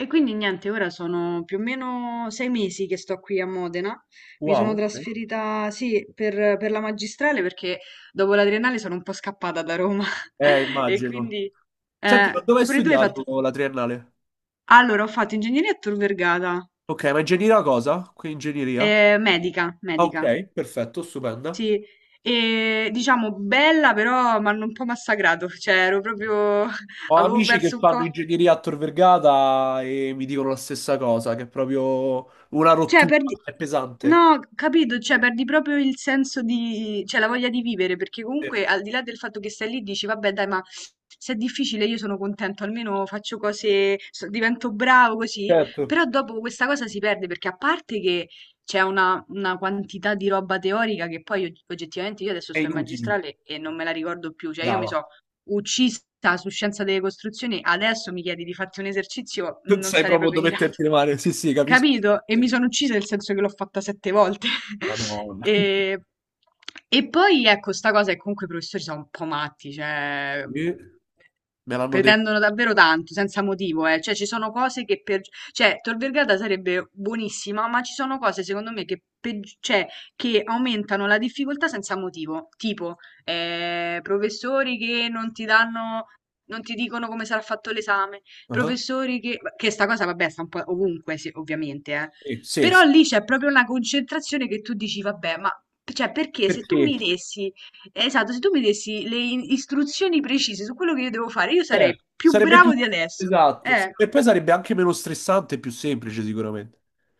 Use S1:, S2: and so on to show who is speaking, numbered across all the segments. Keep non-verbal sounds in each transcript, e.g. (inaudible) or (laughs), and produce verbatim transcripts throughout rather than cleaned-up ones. S1: E quindi niente, ora sono più o meno sei mesi che sto qui a Modena. Mi
S2: Wow,
S1: sono
S2: ok.
S1: trasferita, sì, per, per la magistrale perché dopo la triennale sono un po' scappata da Roma.
S2: Eh,
S1: (laughs) E
S2: immagino.
S1: quindi,
S2: Senti, ma
S1: eh,
S2: dove hai
S1: pure tu hai
S2: studiato
S1: fatto.
S2: la triennale?
S1: Allora, ho fatto ingegneria a Tor Vergata,
S2: Ok, ma ingegneria cosa? Qui ingegneria?
S1: eh, medica,
S2: Ah,
S1: medica,
S2: ok, perfetto, stupenda.
S1: sì. E diciamo bella, però mi hanno un po' massacrato, cioè ero proprio... (laughs)
S2: Ho
S1: avevo
S2: amici che
S1: perso un po'...
S2: fanno ingegneria a Tor Vergata e mi dicono la stessa cosa, che è proprio una
S1: Cioè
S2: rottura,
S1: perdi
S2: è pesante.
S1: No, capito, cioè perdi proprio il senso di cioè la voglia di vivere, perché
S2: Eh,
S1: comunque al di là del fatto che stai lì dici vabbè dai, ma se è difficile io sono contento, almeno faccio cose, so- divento bravo così,
S2: Certo,
S1: però dopo questa cosa si perde perché a parte che c'è una, una quantità di roba teorica che poi og- oggettivamente io adesso
S2: è
S1: sto in
S2: inutile.
S1: magistrale e non me la ricordo più, cioè io mi
S2: Brava.
S1: so
S2: (laughs)
S1: uccisa su scienza delle costruzioni, adesso mi chiedi di farti un esercizio,
S2: Non
S1: non
S2: sai
S1: sarei
S2: proprio
S1: proprio in
S2: dove
S1: grado.
S2: metterti le mani. Sì, sì, capisco.
S1: Capito? E mi sono uccisa nel senso che l'ho fatta sette volte. (laughs)
S2: Madonna.
S1: E, e poi ecco, sta cosa è che comunque i professori sono un po' matti, cioè
S2: Eh, Me l'hanno detto.
S1: pretendono davvero tanto, senza motivo, eh. Cioè ci sono cose che per... Cioè Tor Vergata sarebbe buonissima, ma ci sono cose secondo me che, peggi- cioè, che aumentano la difficoltà senza motivo, tipo eh, professori che non ti danno, non ti dicono come sarà fatto l'esame.
S2: Ah,
S1: Professori che, che sta cosa, vabbè, sta un po' ovunque, sì, ovviamente, eh.
S2: sì, sì, sì.
S1: Però lì c'è proprio una concentrazione che tu dici, vabbè, ma cioè, perché se tu
S2: Perché?
S1: mi dessi, esatto, se tu mi dessi le in- istruzioni precise su quello che io devo fare, io
S2: Eh,
S1: sarei più
S2: sarebbe
S1: bravo
S2: più
S1: di adesso.
S2: esatto.
S1: Eh,
S2: E poi sarebbe anche meno stressante e più semplice, sicuramente.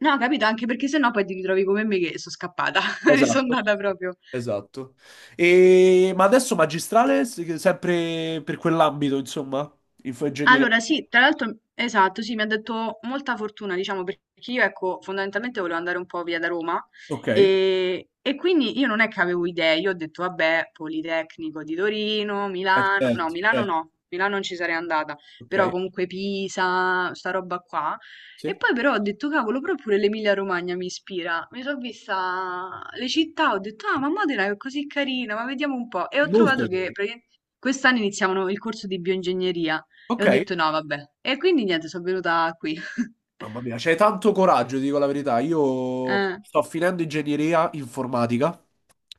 S1: no, capito? Anche perché sennò poi ti ritrovi come me che sono scappata, (laughs) mi sono
S2: Esatto,
S1: andata proprio.
S2: esatto. E... Ma adesso magistrale, se- sempre per quell'ambito, insomma, infoingegneria.
S1: Allora sì, tra l'altro esatto, sì, mi ha detto molta fortuna, diciamo, perché io, ecco, fondamentalmente volevo andare un po' via da Roma
S2: Ok, eh,
S1: e, e quindi io non è che avevo idee, io ho detto, vabbè, Politecnico di Torino, Milano, no,
S2: certo,
S1: Milano
S2: certo.
S1: no, Milano non ci sarei andata, però
S2: Ok,
S1: comunque Pisa, sta roba qua. E
S2: sì.
S1: poi però ho detto, cavolo, proprio pure l'Emilia Romagna mi ispira. Mi sono vista le città, ho detto, ah, ma Modena è così carina, ma vediamo un po'. E ho
S2: Molto
S1: trovato che
S2: bene.
S1: praticamente quest'anno iniziavano il corso di bioingegneria. E
S2: Ok,
S1: ho detto no, vabbè. E quindi niente, sono venuta qui. (laughs)
S2: mamma mia, c'hai tanto coraggio, ti dico la verità. Io
S1: Eh,
S2: sto finendo ingegneria informatica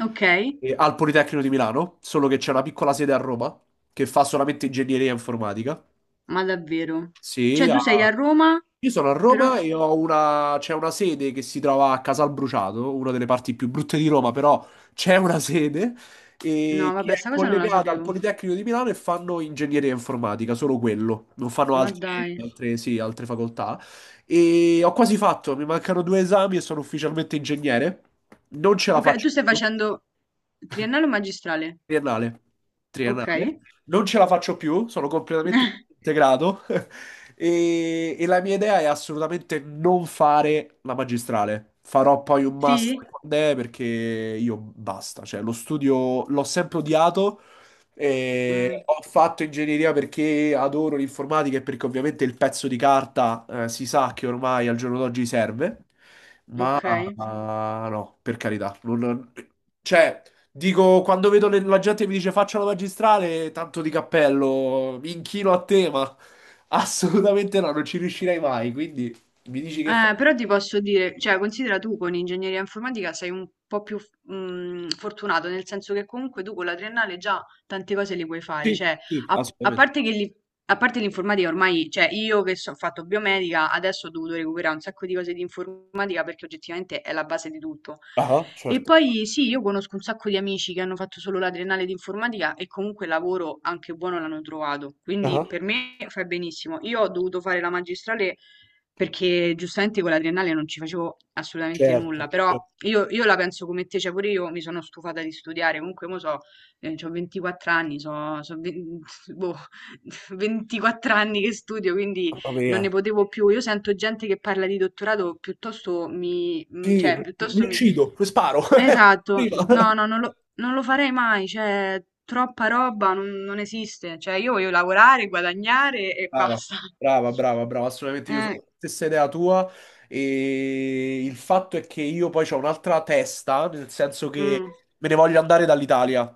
S1: ok,
S2: eh, al Politecnico di Milano, solo che c'è una piccola sede a Roma che fa solamente ingegneria informatica.
S1: ma davvero?
S2: Sì,
S1: Cioè
S2: a-
S1: tu sei a Roma,
S2: io sono a
S1: però...
S2: Roma
S1: f-
S2: e ho una... C'è una sede che si trova a Casalbruciato, una delle parti più brutte di Roma, però c'è una sede e
S1: No,
S2: che
S1: vabbè,
S2: è
S1: sta cosa non la
S2: collegata al
S1: sapevo.
S2: Politecnico di Milano e fanno ingegneria informatica, solo quello, non fanno
S1: Ma
S2: altre,
S1: dai.
S2: altre- sì, altre facoltà. E ho quasi fatto, mi mancano due esami e sono ufficialmente ingegnere. Non ce la
S1: Ok, tu
S2: faccio
S1: stai
S2: più.
S1: facendo triennale o magistrale?
S2: Triennale,
S1: Ok.
S2: triennale. Non ce la faccio più, sono completamente
S1: (laughs)
S2: integrato (laughs) e, e la mia idea è assolutamente non fare la magistrale. Farò poi un
S1: Sì?
S2: master quando è perché io basta, cioè lo studio l'ho sempre odiato. E
S1: Mm,
S2: ho fatto ingegneria perché adoro l'informatica e perché ovviamente il pezzo di carta, eh, si sa che ormai al giorno d'oggi serve.
S1: ok.
S2: Ah, no, per carità. non- Cioè, dico, quando vedo le- la gente che mi dice faccia la magistrale, tanto di cappello, mi inchino a te, ma (laughs) assolutamente no, non ci riuscirei mai. Quindi mi dici che fa...
S1: Eh, però ti posso dire, cioè, considera tu con ingegneria informatica sei un po' più mm, fortunato, nel senso che comunque tu con la triennale già tante cose le puoi fare,
S2: Sì,
S1: cioè,
S2: sì,
S1: a, a
S2: assolutamente.
S1: parte che li, a parte l'informatica ormai, cioè io che so- ho fatto biomedica, adesso ho dovuto recuperare un sacco di cose di informatica perché oggettivamente è la base di tutto.
S2: Ah,
S1: E
S2: certo.
S1: poi sì, io conosco un sacco di amici che hanno fatto solo la triennale di informatica e comunque lavoro anche buono l'hanno trovato. Quindi
S2: Ah,
S1: per me fai benissimo. Io ho dovuto fare la magistrale perché giustamente con la triennale non ci facevo assolutamente
S2: certo,
S1: nulla, però
S2: certo.
S1: io, io la penso come te, cioè pure io mi sono stufata di studiare, comunque mo so, ho ventiquattro anni, so, so, ve- (laughs) boh, ventiquattro anni che studio, quindi
S2: Mamma
S1: non ne
S2: mia.
S1: potevo più. Io sento gente che parla di dottorato, piuttosto mi, mm,
S2: Sì,
S1: cioè,
S2: mi
S1: piuttosto mi...
S2: uccido, sparo. (laughs)
S1: Esatto,
S2: Prima.
S1: no, no, non lo, non lo farei mai, cioè, troppa roba non, non esiste. Cioè, io voglio lavorare, guadagnare e
S2: Brava,
S1: basta.
S2: brava, brava, brava, assolutamente io sono
S1: Eh,
S2: la stessa idea tua e il fatto è che io poi ho un'altra testa, nel senso che
S1: mm.
S2: me ne voglio andare dall'Italia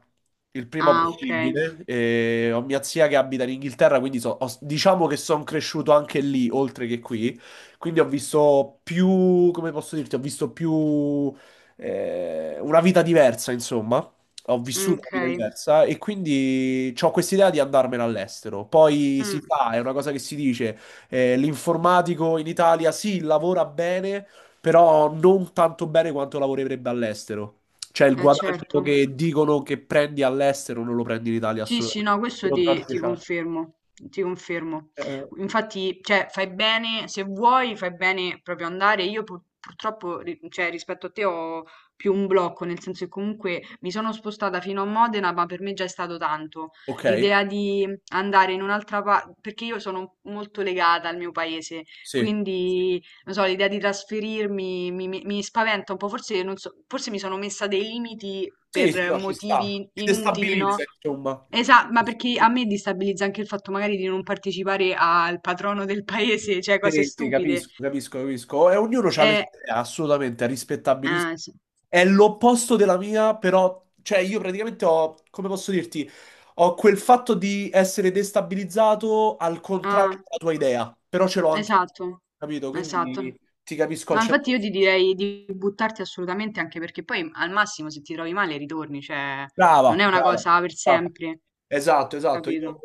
S2: il prima
S1: Ah, ok.
S2: possibile. E ho mia zia che abita in Inghilterra, quindi so- ho- diciamo che sono cresciuto anche lì, oltre che qui, quindi ho visto più, come posso dirti, ho visto più eh, una vita diversa, insomma, ho
S1: Mm,
S2: vissuto una
S1: ok,
S2: vita diversa e quindi ho quest'idea di andarmene all'estero. Poi si
S1: mm,
S2: sa, è una cosa che si dice, eh, l'informatico in Italia sì, lavora bene, però non tanto bene quanto lavorerebbe all'estero. Cioè il
S1: eh,
S2: guadagno
S1: certo.
S2: che dicono che prendi all'estero non lo prendi in Italia
S1: Sì, sì,
S2: assolutamente.
S1: no, questo
S2: Però tra
S1: ti, ti
S2: dieci anni-
S1: confermo, ti confermo.
S2: eh,
S1: Infatti, cioè, fai bene, se vuoi, fai bene proprio andare. Io pur- purtroppo, ri- cioè, rispetto a te ho più un blocco, nel senso che comunque mi sono spostata fino a Modena, ma per me già è stato tanto.
S2: ok,
S1: L'idea di andare in un'altra parte, perché io sono molto legata al mio paese,
S2: sì.
S1: quindi, non so, l'idea di trasferirmi mi, mi- mi spaventa un po', forse, non so, forse mi sono messa dei limiti
S2: Sì, sì,
S1: per
S2: no, ci sta.
S1: motivi
S2: Ti
S1: inutili,
S2: destabilizza,
S1: no?
S2: insomma.
S1: Esatto, ma perché a me destabilizza anche il fatto magari di non partecipare al patrono del paese, cioè cose
S2: Sì, sì,
S1: stupide.
S2: capisco, capisco, capisco. E ognuno ha le sue
S1: Eh,
S2: idee, assolutamente, è rispettabilissimo.
S1: ah, es-
S2: È l'opposto della mia, però, cioè io praticamente ho, come posso dirti, ho quel fatto di essere destabilizzato al
S1: ah,
S2: contrario della tua idea, però ce l'ho anche,
S1: esatto,
S2: capito? Quindi
S1: esatto.
S2: ti capisco al
S1: No, infatti
S2: cento per cento.
S1: io ti direi di buttarti assolutamente anche perché poi al massimo se ti trovi male ritorni, cioè non
S2: Brava,
S1: è una
S2: brava.
S1: cosa per
S2: Ah,
S1: sempre,
S2: esatto, esatto. Io
S1: capito?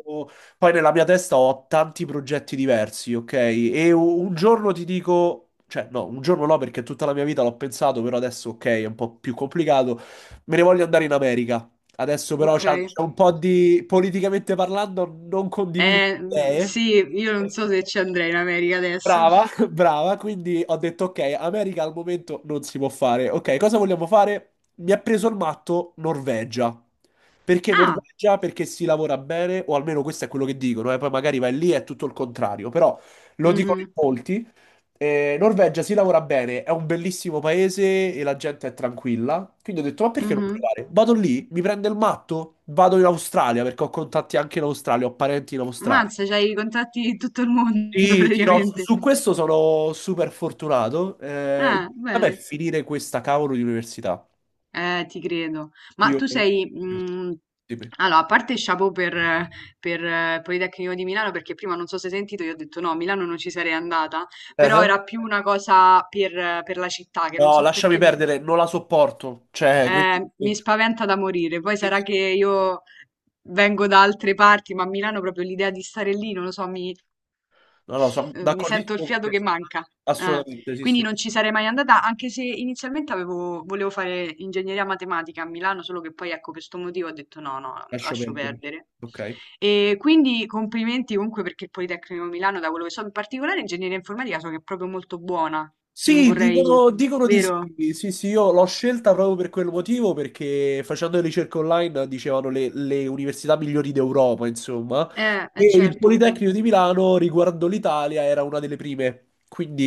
S2: poi nella mia testa ho tanti progetti diversi, ok? E u- un giorno ti dico, cioè no, un giorno no perché tutta la mia vita l'ho pensato, però adesso ok, è un po' più complicato. Me ne voglio andare in America. Adesso però
S1: Ok.
S2: c'è c'è un po' di, politicamente parlando, non condivido
S1: Eh,
S2: le
S1: mm,
S2: idee.
S1: sì, io non so se ci andrei in America adesso.
S2: Brava,
S1: (laughs)
S2: (laughs) brava, quindi ho detto ok, America al momento non si può fare. Ok, cosa vogliamo fare? Mi ha preso il matto Norvegia. Perché
S1: Ah,
S2: Norvegia? Perché si lavora bene, o almeno questo è quello che dicono, eh, poi magari vai lì e è tutto il contrario, però lo dicono in
S1: mhm,
S2: molti. Eh, Norvegia si lavora bene, è un bellissimo paese e la gente è tranquilla. Quindi ho detto, ma perché non
S1: mhm.
S2: provare? Vado lì, mi prende il matto, vado in Australia perché ho contatti anche in Australia, ho parenti in Australia.
S1: Mazza, c'hai i contatti di tutto il mondo (laughs)
S2: Sì, sì, no, su,
S1: praticamente.
S2: su questo sono super fortunato. Eh, il
S1: Ah,
S2: problema è
S1: bene.
S2: finire questa cavolo di università.
S1: Eh, ti credo. Ma
S2: Io...
S1: tu sei... mm,
S2: Dimmi.
S1: allora, a parte chapeau per, eh, per eh, Politecnico di Milano, perché prima non so se hai sentito, io ho detto no, a Milano non ci sarei andata, però
S2: Eh?
S1: era più una cosa per, eh, per la città, che non
S2: No,
S1: so
S2: lasciami
S1: perché mi,
S2: perdere, non la sopporto. Cioè, quindi...
S1: eh, mi spaventa da morire. Poi
S2: sì.
S1: sarà che io vengo da altre parti, ma a Milano proprio l'idea di stare lì, non lo so, mi
S2: No, no, sono
S1: Uhm, mi sento il
S2: d'accordissimo con
S1: fiato
S2: te.
S1: che manca. Eh.
S2: Assolutamente, sì,
S1: Quindi
S2: sì,
S1: non ci sarei mai andata, anche se inizialmente avevo volevo fare ingegneria matematica a Milano, solo che poi, ecco, per 'sto motivo ho detto: "No, no,
S2: lascio
S1: lascio
S2: perdere.
S1: perdere".
S2: Ok.
S1: E quindi complimenti comunque perché il Politecnico di Milano, da quello che so, in particolare ingegneria informatica, so che è proprio molto buona. Non
S2: Sì,
S1: vorrei
S2: dicono, dicono di
S1: vero?
S2: sì. Sì, sì, io l'ho scelta proprio per quel motivo, perché facendo le ricerche online dicevano le, le università migliori d'Europa, insomma.
S1: Eh,
S2: E
S1: eh
S2: il
S1: certo.
S2: Politecnico di Milano, riguardo l'Italia, era una delle prime.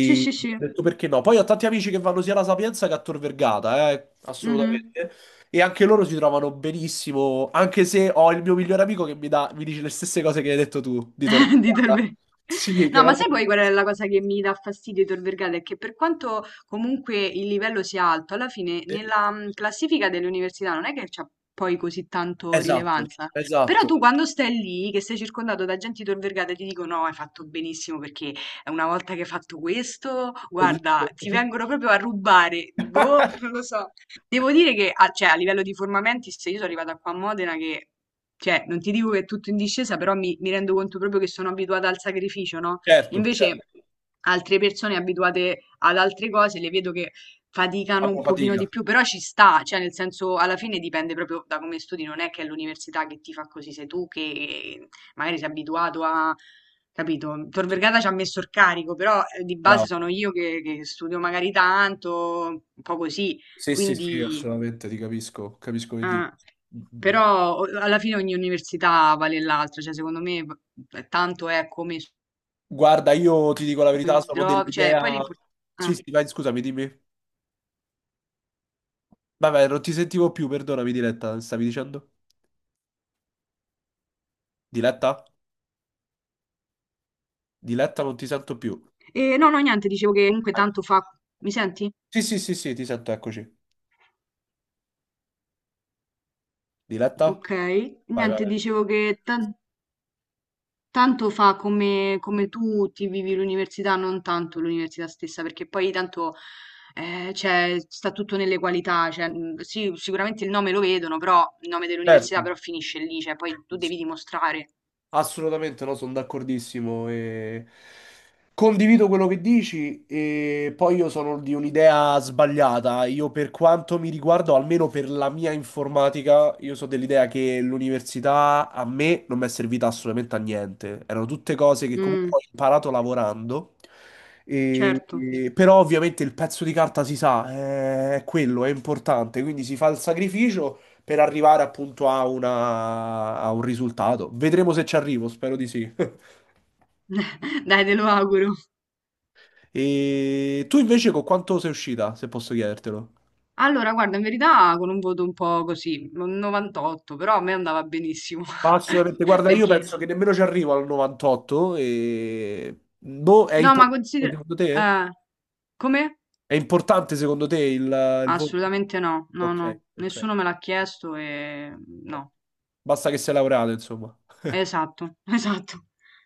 S1: Sì, sì,
S2: ho
S1: sì.
S2: detto perché no. Poi ho tanti amici che vanno sia alla Sapienza che a Tor Vergata, eh,
S1: Mh-mh.
S2: assolutamente. E anche loro si trovano benissimo, anche se ho il mio migliore amico che mi dà, mi dice le stesse cose che hai detto tu di Tor
S1: (laughs) di Tor
S2: Vergata.
S1: Vergata.
S2: Sì, che
S1: No, ma
S2: era...
S1: sai poi qual è la cosa che mi dà fastidio di Tor Vergata? È che per quanto comunque il livello sia alto, alla fine nella mm, classifica delle università non è che c'ha poi così tanto
S2: Esatto,
S1: rilevanza. Però
S2: esatto.
S1: tu quando stai lì, che sei circondato da gente di Tor Vergata, ti dico no, hai fatto benissimo perché una volta che hai fatto questo, guarda, ti
S2: Libero.
S1: vengono proprio a rubare. Boh,
S2: (laughs)
S1: non lo so. Devo dire che a, cioè, a livello di formamenti, se io sono arrivata qua a Modena che cioè, non ti dico che è tutto in discesa, però mi, mi rendo conto proprio che sono abituata al sacrificio, no?
S2: Certo, certo,
S1: Invece altre persone abituate ad altre cose le vedo che faticano un
S2: fanno
S1: pochino di
S2: fatica.
S1: più, però ci sta, cioè nel senso alla fine dipende proprio da come studi, non è che è l'università che ti fa così, sei tu che magari sei abituato a... Capito? Tor
S2: Sì,
S1: Vergata ci ha messo il carico, però eh, di base
S2: bravo.
S1: sono io che, che studio magari tanto, un po' così,
S2: Sì, sì, sì,
S1: quindi...
S2: assolutamente, ti capisco, capisco che dici.
S1: Ah,
S2: Mm.
S1: però o- alla fine ogni università vale l'altra, cioè secondo me v- tanto è come si
S2: Guarda, io ti dico la verità, sono
S1: trovi, cioè poi
S2: dell'idea... Sì,
S1: l'importante...
S2: sì, vai, scusami, dimmi. Vabbè, non ti sentivo più, perdonami, Diletta, stavi dicendo? Diletta? Diletta, non ti sento più.
S1: E no, no, niente, dicevo che comunque
S2: Vai.
S1: tanto fa... Mi senti?
S2: Sì, sì, sì, sì, ti sento, eccoci. Diletta?
S1: Ok,
S2: Vai,
S1: niente,
S2: vai.
S1: dicevo che tan- tanto fa come, come tu ti vivi l'università, non tanto l'università stessa, perché poi tanto eh, cioè, sta tutto nelle qualità, cioè, mh, sì, sicuramente il nome lo vedono, però il nome
S2: Certo.
S1: dell'università però finisce lì, cioè poi tu devi dimostrare.
S2: Assolutamente no, sono d'accordissimo e condivido quello che dici e poi io sono di un'idea sbagliata. Io per quanto mi riguardo, almeno per la mia informatica, io sono dell'idea che l'università a me non mi è servita assolutamente a niente. Erano tutte cose che comunque
S1: Mm,
S2: ho imparato lavorando. E,
S1: certo.
S2: e- però ovviamente il pezzo di carta si sa, eh, è quello, è importante, quindi si fa il sacrificio per arrivare appunto a, una- a un risultato. Vedremo se ci arrivo, spero di sì. (laughs)
S1: (laughs) Dai, te lo auguro.
S2: E tu invece con quanto sei uscita, se posso chiedertelo?
S1: Allora, guarda, in verità con un voto un po' così, un novantotto, però a me andava benissimo.
S2: Ma assolutamente,
S1: (laughs)
S2: guarda, io
S1: Perché? Ok.
S2: penso che nemmeno ci arrivo al novantotto e... Boh, è
S1: No, ma
S2: importante
S1: considera...
S2: secondo te?
S1: eh, Come?
S2: È importante secondo te il, il voto?
S1: Assolutamente no, no, no.
S2: Ok, ok.
S1: Nessuno me l'ha chiesto e... No,
S2: Basta che sei laureato, insomma.
S1: esatto, (laughs) esatto.